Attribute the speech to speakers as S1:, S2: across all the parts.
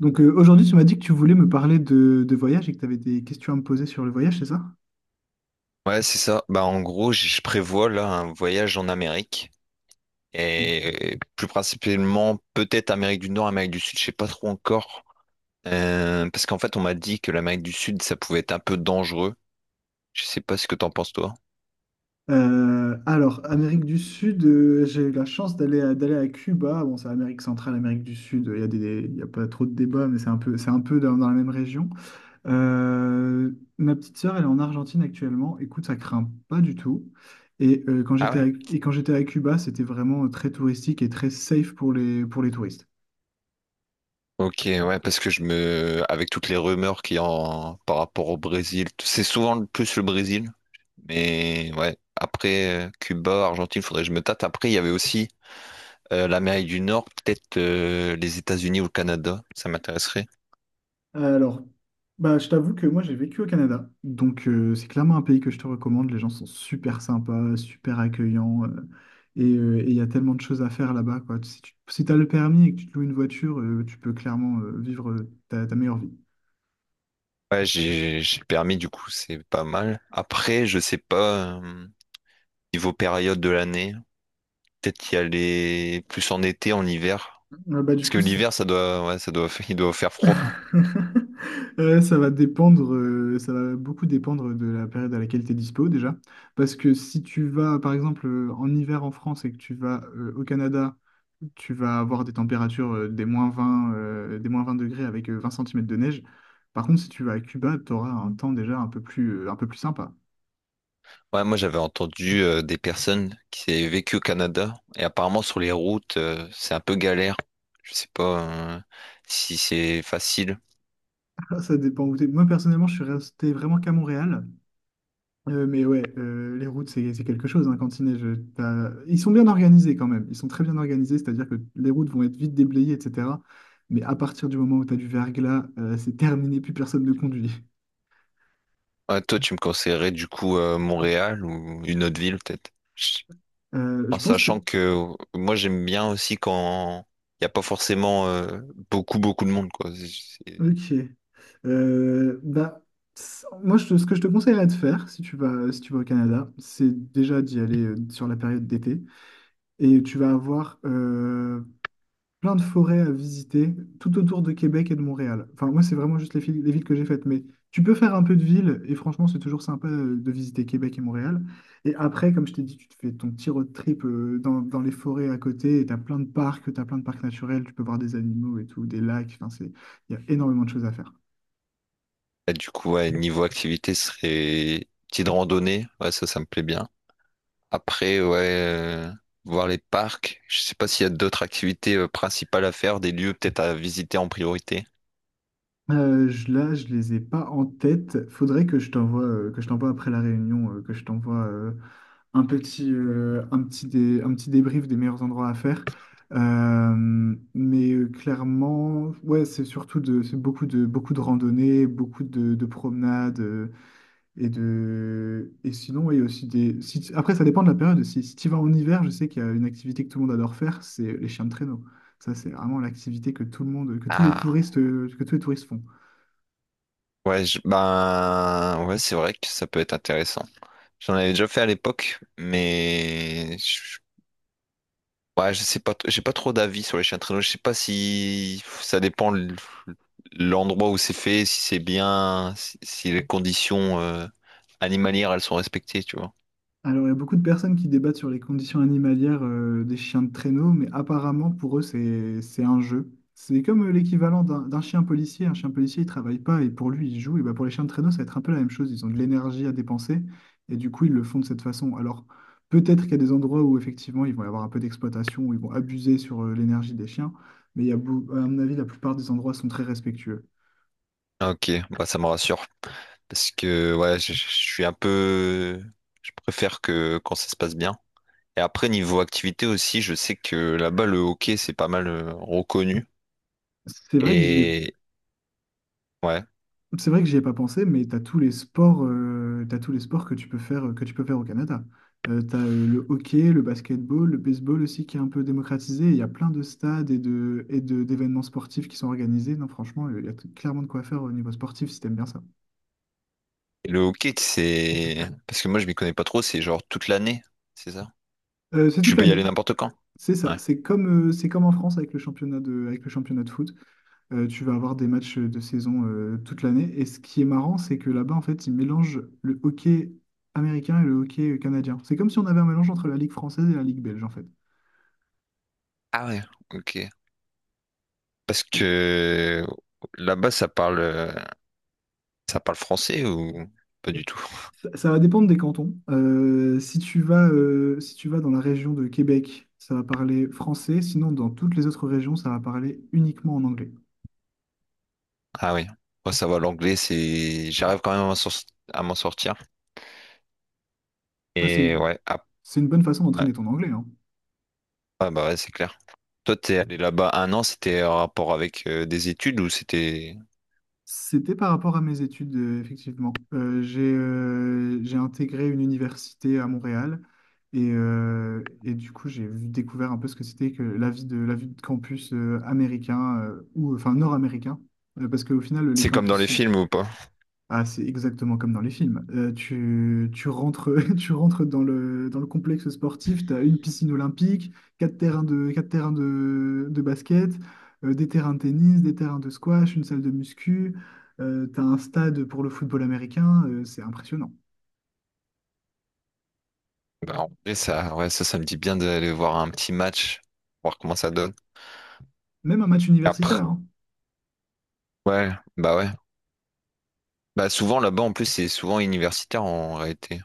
S1: Aujourd'hui, tu m'as dit que tu voulais me parler de voyage et que tu avais des questions à me poser sur le voyage, c'est ça?
S2: Ouais, c'est ça. Bah, en gros, je prévois là un voyage en Amérique
S1: Mm.
S2: plus principalement peut-être Amérique du Nord, Amérique du Sud, je sais pas trop encore. Parce qu'en fait, on m'a dit que l'Amérique du Sud, ça pouvait être un peu dangereux. Je sais pas ce que t'en penses toi.
S1: Alors, Amérique du Sud, j'ai eu la chance d'aller à Cuba. Bon, c'est Amérique centrale, Amérique du Sud, il y a il y a pas trop de débats, mais c'est un peu dans la même région. Euh, Ma petite sœur, elle est en Argentine actuellement. Écoute, ça craint pas du tout. Quand
S2: Ah
S1: j'étais
S2: ouais?
S1: à, et quand j'étais à Cuba, c'était vraiment très touristique et très safe pour pour les touristes.
S2: Ok, ouais, parce que avec toutes les rumeurs qu'il y a par rapport au Brésil, c'est souvent le Brésil. Mais ouais, après, Cuba, Argentine, faudrait que je me tâte. Après, il y avait aussi l'Amérique du Nord, peut-être les États-Unis ou le Canada, ça m'intéresserait.
S1: Alors, bah, je t'avoue que moi j'ai vécu au Canada, c'est clairement un pays que je te recommande. Les gens sont super sympas, super accueillants, et il y a tellement de choses à faire là-bas, quoi. Si tu si t'as le permis et que tu te loues une voiture, tu peux clairement vivre ta meilleure vie.
S2: Ouais, j'ai le permis, du coup, c'est pas mal. Après, je sais pas, niveau période de l'année, peut-être y aller plus en été, en hiver.
S1: Euh, bah, du
S2: Parce que
S1: coup, c-
S2: l'hiver, ça doit, il doit faire froid.
S1: Ça va dépendre, ça va beaucoup dépendre de la période à laquelle tu es dispo déjà. Parce que si tu vas, par exemple, en hiver en France et que tu vas au Canada, tu vas avoir des températures des moins 20 degrés avec 20 cm de neige. Par contre, si tu vas à Cuba, tu auras un temps déjà un peu plus sympa.
S2: Ouais, moi j'avais entendu des personnes qui avaient vécu au Canada et apparemment sur les routes, c'est un peu galère. Je sais pas euh, si c'est facile.
S1: Ça dépend où t'es. Moi, personnellement, je suis resté vraiment qu'à Montréal. Mais ouais, les routes, c'est quelque chose, hein, Cantinet. Ils sont bien organisés quand même. Ils sont très bien organisés, c'est-à-dire que les routes vont être vite déblayées, etc. Mais à partir du moment où tu as du verglas, c'est terminé, plus personne ne conduit.
S2: Ouais, toi tu me conseillerais du coup Montréal ou une autre ville peut-être. En
S1: Je pense
S2: sachant
S1: que.
S2: que moi j'aime bien aussi quand il n'y a pas forcément beaucoup beaucoup de monde quoi.
S1: Ok. Euh, bah, Moi, ce que je te conseillerais de faire, si tu vas au Canada, c'est déjà d'y aller sur la période d'été. Et tu vas avoir plein de forêts à visiter tout autour de Québec et de Montréal. Enfin, moi, c'est vraiment juste les villes que j'ai faites, mais tu peux faire un peu de ville et franchement, c'est toujours sympa de visiter Québec et Montréal. Et après, comme je t'ai dit, tu te fais ton petit road trip dans les forêts à côté et tu as plein de parcs, tu as plein de parcs naturels, tu peux voir des animaux et tout, des lacs. Enfin, c'est, il y a énormément de choses à faire.
S2: Là, du coup ouais, niveau activité ce serait petite randonnée, ouais ça me plaît bien. Après, ouais, voir les parcs. Je sais pas s'il y a d'autres activités principales à faire, des lieux peut-être à visiter en priorité.
S1: Là, je les ai pas en tête. Faudrait que je t'envoie après la réunion, que je t'envoie un un un petit débrief des meilleurs endroits à faire. Clairement, ouais, c'est surtout c'est beaucoup de randonnées, beaucoup de promenades et sinon, ouais, il y a aussi des. Si tu- Après, ça dépend de la période. Si tu vas en hiver, je sais qu'il y a une activité que tout le monde adore faire, c'est les chiens de traîneau. Ça, c'est vraiment l'activité que tout le monde, que tous les
S2: Ah,
S1: touristes, que tous les touristes font.
S2: ouais, ben, ouais, c'est vrai que ça peut être intéressant. J'en avais déjà fait à l'époque, ouais, je sais pas, j'ai pas trop d'avis sur les chiens de traîneau. Je sais pas si ça dépend l'endroit où c'est fait, si c'est bien, si, si les conditions animalières elles sont respectées, tu vois.
S1: Alors, il y a beaucoup de personnes qui débattent sur les conditions animalières des chiens de traîneau, mais apparemment, pour eux, c'est un jeu. C'est comme l'équivalent d'un chien policier. Un chien policier, il travaille pas et pour lui, il joue. Et bah, pour les chiens de traîneau, ça va être un peu la même chose. Ils ont de l'énergie à dépenser et du coup, ils le font de cette façon. Alors, peut-être qu'il y a des endroits où, effectivement, ils vont y avoir un peu d'exploitation, où ils vont abuser sur l'énergie des chiens, mais il y a, à mon avis, la plupart des endroits sont très respectueux.
S2: Ah, ok, bah ça me rassure. Parce que ouais, je suis un peu. Je préfère que quand ça se passe bien. Et après, niveau activité aussi, je sais que là-bas, le hockey, c'est pas mal reconnu.
S1: C'est vrai que j'y ai
S2: Et ouais.
S1: C'est vrai que j'y ai pas pensé, mais t'as tous les sports, t'as tous les sports que tu peux faire, que tu peux faire au Canada. Tu as le hockey, le basketball, le baseball aussi qui est un peu démocratisé. Il y a plein de stades d'événements sportifs qui sont organisés. Non, franchement, il y a clairement de quoi faire au niveau sportif si t'aimes bien ça.
S2: Le hockey, c'est. Parce que moi, je m'y connais pas trop, c'est genre toute l'année, c'est ça?
S1: C'est
S2: Tu
S1: toute
S2: peux y aller
S1: l'année.
S2: n'importe quand.
S1: C'est ça.
S2: Ouais.
S1: C'est comme en France avec le championnat avec le championnat de foot. Tu vas avoir des matchs de saison toute l'année. Et ce qui est marrant, c'est que là-bas, en fait, ils mélangent le hockey américain et le hockey canadien. C'est comme si on avait un mélange entre la Ligue française et la Ligue belge, en fait.
S2: Ah ouais, ok. Parce
S1: Et
S2: que là-bas, ça parle français ou pas du tout?
S1: Ça, ça va dépendre des cantons. Si tu vas dans la région de Québec, ça va parler français. Sinon, dans toutes les autres régions, ça va parler uniquement en anglais.
S2: Ah oui. Moi, ça va, l'anglais, c'est. J'arrive quand même à à m'en sortir.
S1: Ah, c'est
S2: Et
S1: une,
S2: ouais, ah,
S1: c'est une bonne façon
S2: ouais.
S1: d'entraîner ton anglais, hein.
S2: Ah bah ouais, c'est clair. Toi, t'es allé là-bas un an, c'était en rapport avec des études ou c'était.
S1: C'était par rapport à mes études, effectivement. J'ai intégré une université à Montréal du coup, découvert un peu ce que c'était que la vie la vie de campus américain ou enfin nord-américain. Parce qu'au final, les
S2: C'est comme dans les
S1: campus
S2: films ou pas?
S1: ah, c'est exactement comme dans les films. Tu rentres, tu rentres dans le complexe sportif, tu as une piscine olympique, quatre terrains de basket, des terrains de tennis, des terrains de squash, une salle de muscu, tu as un stade pour le football américain, c'est impressionnant.
S2: Bah, en vrai, ça, ouais, ça me dit bien d'aller voir un petit match, voir comment ça donne.
S1: Même un match
S2: Après,
S1: universitaire, hein.
S2: ouais, ouais. Bah souvent là-bas en plus c'est souvent universitaire en réalité.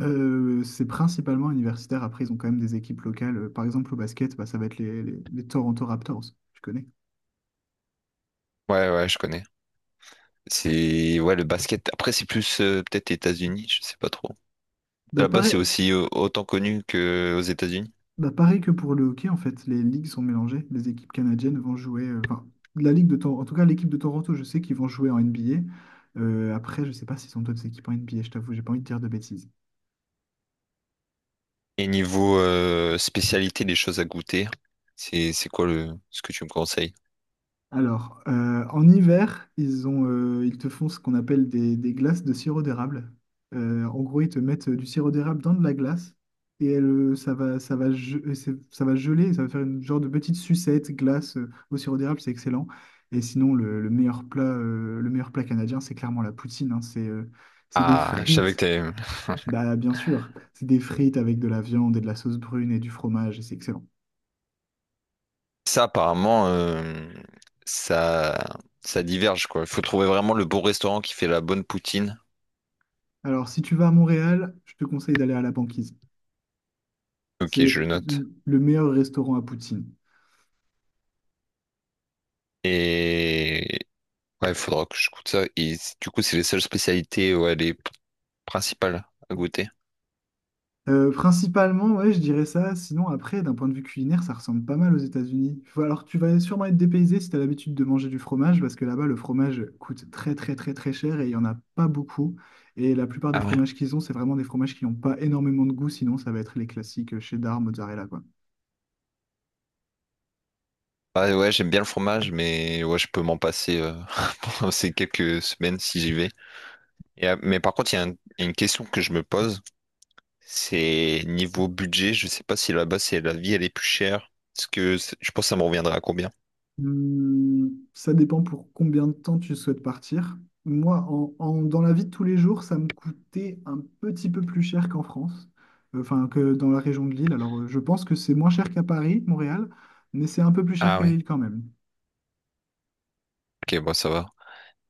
S1: C'est principalement universitaire. Après, ils ont quand même des équipes locales. Par exemple, au basket, bah, ça va être les Toronto Raptors, tu connais.
S2: Ouais ouais je connais. C'est ouais le basket. Après c'est plus peut-être États-Unis, je sais pas trop.
S1: Bah,
S2: Là-bas c'est
S1: pareil,
S2: aussi autant connu que aux États-Unis.
S1: Bah, pareil que pour le hockey, en fait, les ligues sont mélangées. Les équipes canadiennes vont jouer, enfin, la ligue de Toronto, en tout cas, l'équipe de Toronto, je sais qu'ils vont jouer en NBA. Après, je sais pas s'ils ont d'autres équipes en NBA, je t'avoue, j'ai pas envie de dire de bêtises.
S2: Et niveau spécialité des choses à goûter, c'est quoi le ce que tu me conseilles?
S1: Alors, en hiver, ils te font ce qu'on appelle des glaces de sirop d'érable. En gros, ils te mettent du sirop d'érable dans de la glace et elle, ça va geler, et ça va faire une genre de petite sucette glace au sirop d'érable, c'est excellent. Et sinon, le meilleur plat canadien, c'est clairement la poutine. Hein. C'est des
S2: Ah je savais que
S1: frites,
S2: t'avais...
S1: bah, bien sûr, c'est des frites avec de la viande et de la sauce brune et du fromage, et c'est excellent.
S2: Ça apparemment ça ça diverge quoi. Il faut trouver vraiment le bon restaurant qui fait la bonne poutine.
S1: Alors, si tu vas à Montréal, je te conseille d'aller à la banquise.
S2: Ok je le
S1: C'est
S2: note.
S1: le meilleur restaurant à poutine.
S2: Et, ouais, il faudra que je goûte ça. Et du coup, c'est les seules spécialités, ouais, les principales à goûter.
S1: Principalement, ouais, je dirais ça. Sinon, après, d'un point de vue culinaire, ça ressemble pas mal aux États-Unis. Alors, tu vas sûrement être dépaysé si tu as l'habitude de manger du fromage, parce que là-bas, le fromage coûte très, très, très, très cher et il n'y en a pas beaucoup. Et la plupart des
S2: Ah ouais.
S1: fromages qu'ils ont, c'est vraiment des fromages qui n'ont pas énormément de goût, sinon, ça va être les classiques cheddar, mozzarella, quoi.
S2: Ouais, ouais, j'aime bien le fromage, mais ouais, je peux m'en passer pendant ces quelques semaines si j'y vais. Et, mais par contre, il y a une question que je me pose, c'est niveau budget. Je sais pas si là-bas, c'est la vie, elle est plus chère. Parce que je pense que ça me reviendra à combien?
S1: Ça dépend pour combien de temps tu souhaites partir. Moi, dans la vie de tous les jours, ça me coûtait un petit peu plus cher qu'en France, enfin que dans la région de Lille. Alors, je pense que c'est moins cher qu'à Paris, Montréal, mais c'est un peu plus cher
S2: Ah
S1: qu'à
S2: oui.
S1: Lille quand même.
S2: Ok, bon, ça va.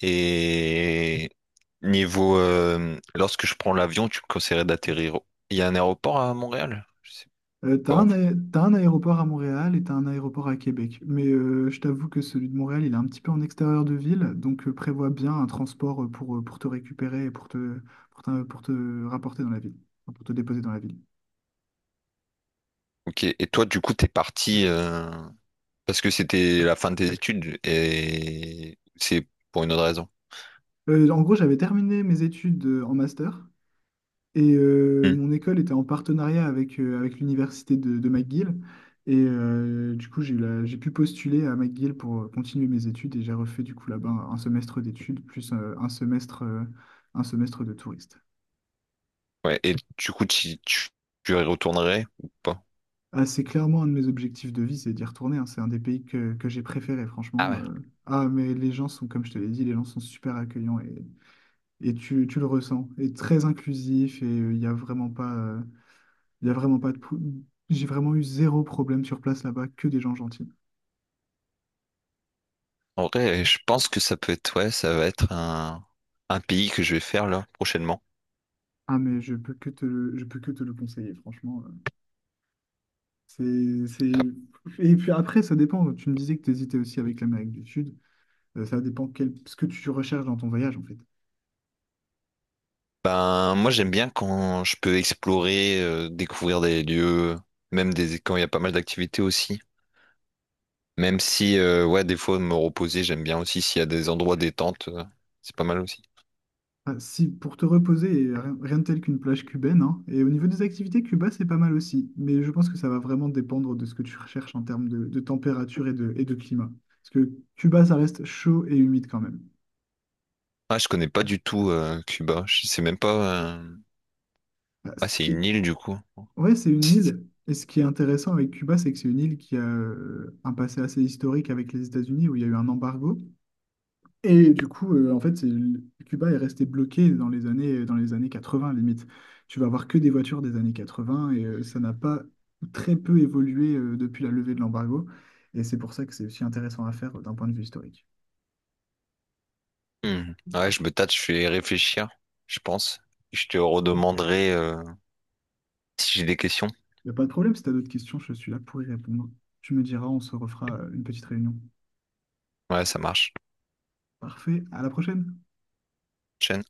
S2: Et niveau, lorsque je prends l'avion, tu me conseillerais d'atterrir. Il y a un aéroport à Montréal? Je sais pas.
S1: T'as un aéroport à Montréal et t'as un aéroport à Québec. Mais je t'avoue que celui de Montréal, il est un petit peu en extérieur de ville, prévois bien un transport pour te récupérer et pour te rapporter dans la ville, enfin, pour te déposer dans la ville.
S2: Ok, et toi, du coup, t'es parti parce que c'était la fin de tes études et c'est pour une autre raison.
S1: En gros, j'avais terminé mes études en master
S2: Hmm.
S1: mon école était en partenariat avec l'université de McGill. Du coup, j'ai pu postuler à McGill pour continuer mes études et j'ai refait du coup là-bas un semestre d'études plus un semestre de touriste.
S2: Ouais, et du coup, tu y retournerais ou pas?
S1: Ah, c'est clairement un de mes objectifs de vie, c'est d'y retourner. Hein. C'est un des pays que j'ai préféré,
S2: Ah
S1: franchement.
S2: ouais.
S1: Ah, mais les gens sont, comme je te l'ai dit, les gens sont super accueillants et tu le ressens. Et très inclusif il n'y a vraiment pas. Il n'y a vraiment pas de... J'ai vraiment eu zéro problème sur place là-bas, que des gens gentils.
S2: En vrai, je pense que ça peut être, ouais, ça va être un pays que je vais faire là prochainement.
S1: Ah mais je peux que te le conseiller, franchement. C'est...
S2: Ah,
S1: Et puis après, ça dépend. Tu me disais que tu hésitais aussi avec l'Amérique du Sud. Ça dépend quel... ce que tu recherches dans ton voyage, en fait.
S2: ben, moi, j'aime bien quand je peux explorer, découvrir des lieux, même des, quand il y a pas mal d'activités aussi. Même si, ouais, des fois, me reposer, j'aime bien aussi s'il y a des endroits détente, c'est pas mal aussi.
S1: Ah, si, pour te reposer, et rien, rien de tel qu'une plage cubaine, hein. Et au niveau des activités, Cuba, c'est pas mal aussi. Mais je pense que ça va vraiment dépendre de ce que tu recherches en termes de température et de climat. Parce que Cuba, ça reste chaud et humide quand même.
S2: Ah, je connais pas du tout Cuba. Je sais même pas.
S1: Ah,
S2: Ah,
S1: Ce
S2: c'est
S1: qui est
S2: une île du coup.
S1: Ouais, c'est une
S2: C'est-
S1: île. Et ce qui est intéressant avec Cuba, c'est que c'est une île qui a un passé assez historique avec les États-Unis où il y a eu un embargo. Et du coup, euh, en fait, c'est- Cuba est resté bloqué dans les années 80, limite. Tu vas avoir que des voitures des années 80 et ça n'a pas ou très peu évolué depuis la levée de l'embargo. Et c'est pour ça que c'est aussi intéressant à faire d'un point de vue historique.
S2: Hmm. Ouais, je me tâte, je vais réfléchir, je pense. Je te redemanderai si j'ai des questions.
S1: Il n'y a pas de problème, si tu as d'autres questions, je suis là pour y répondre. Tu me diras, on se refera une petite réunion.
S2: Ouais, ça marche.
S1: Parfait, à la prochaine!
S2: Chen.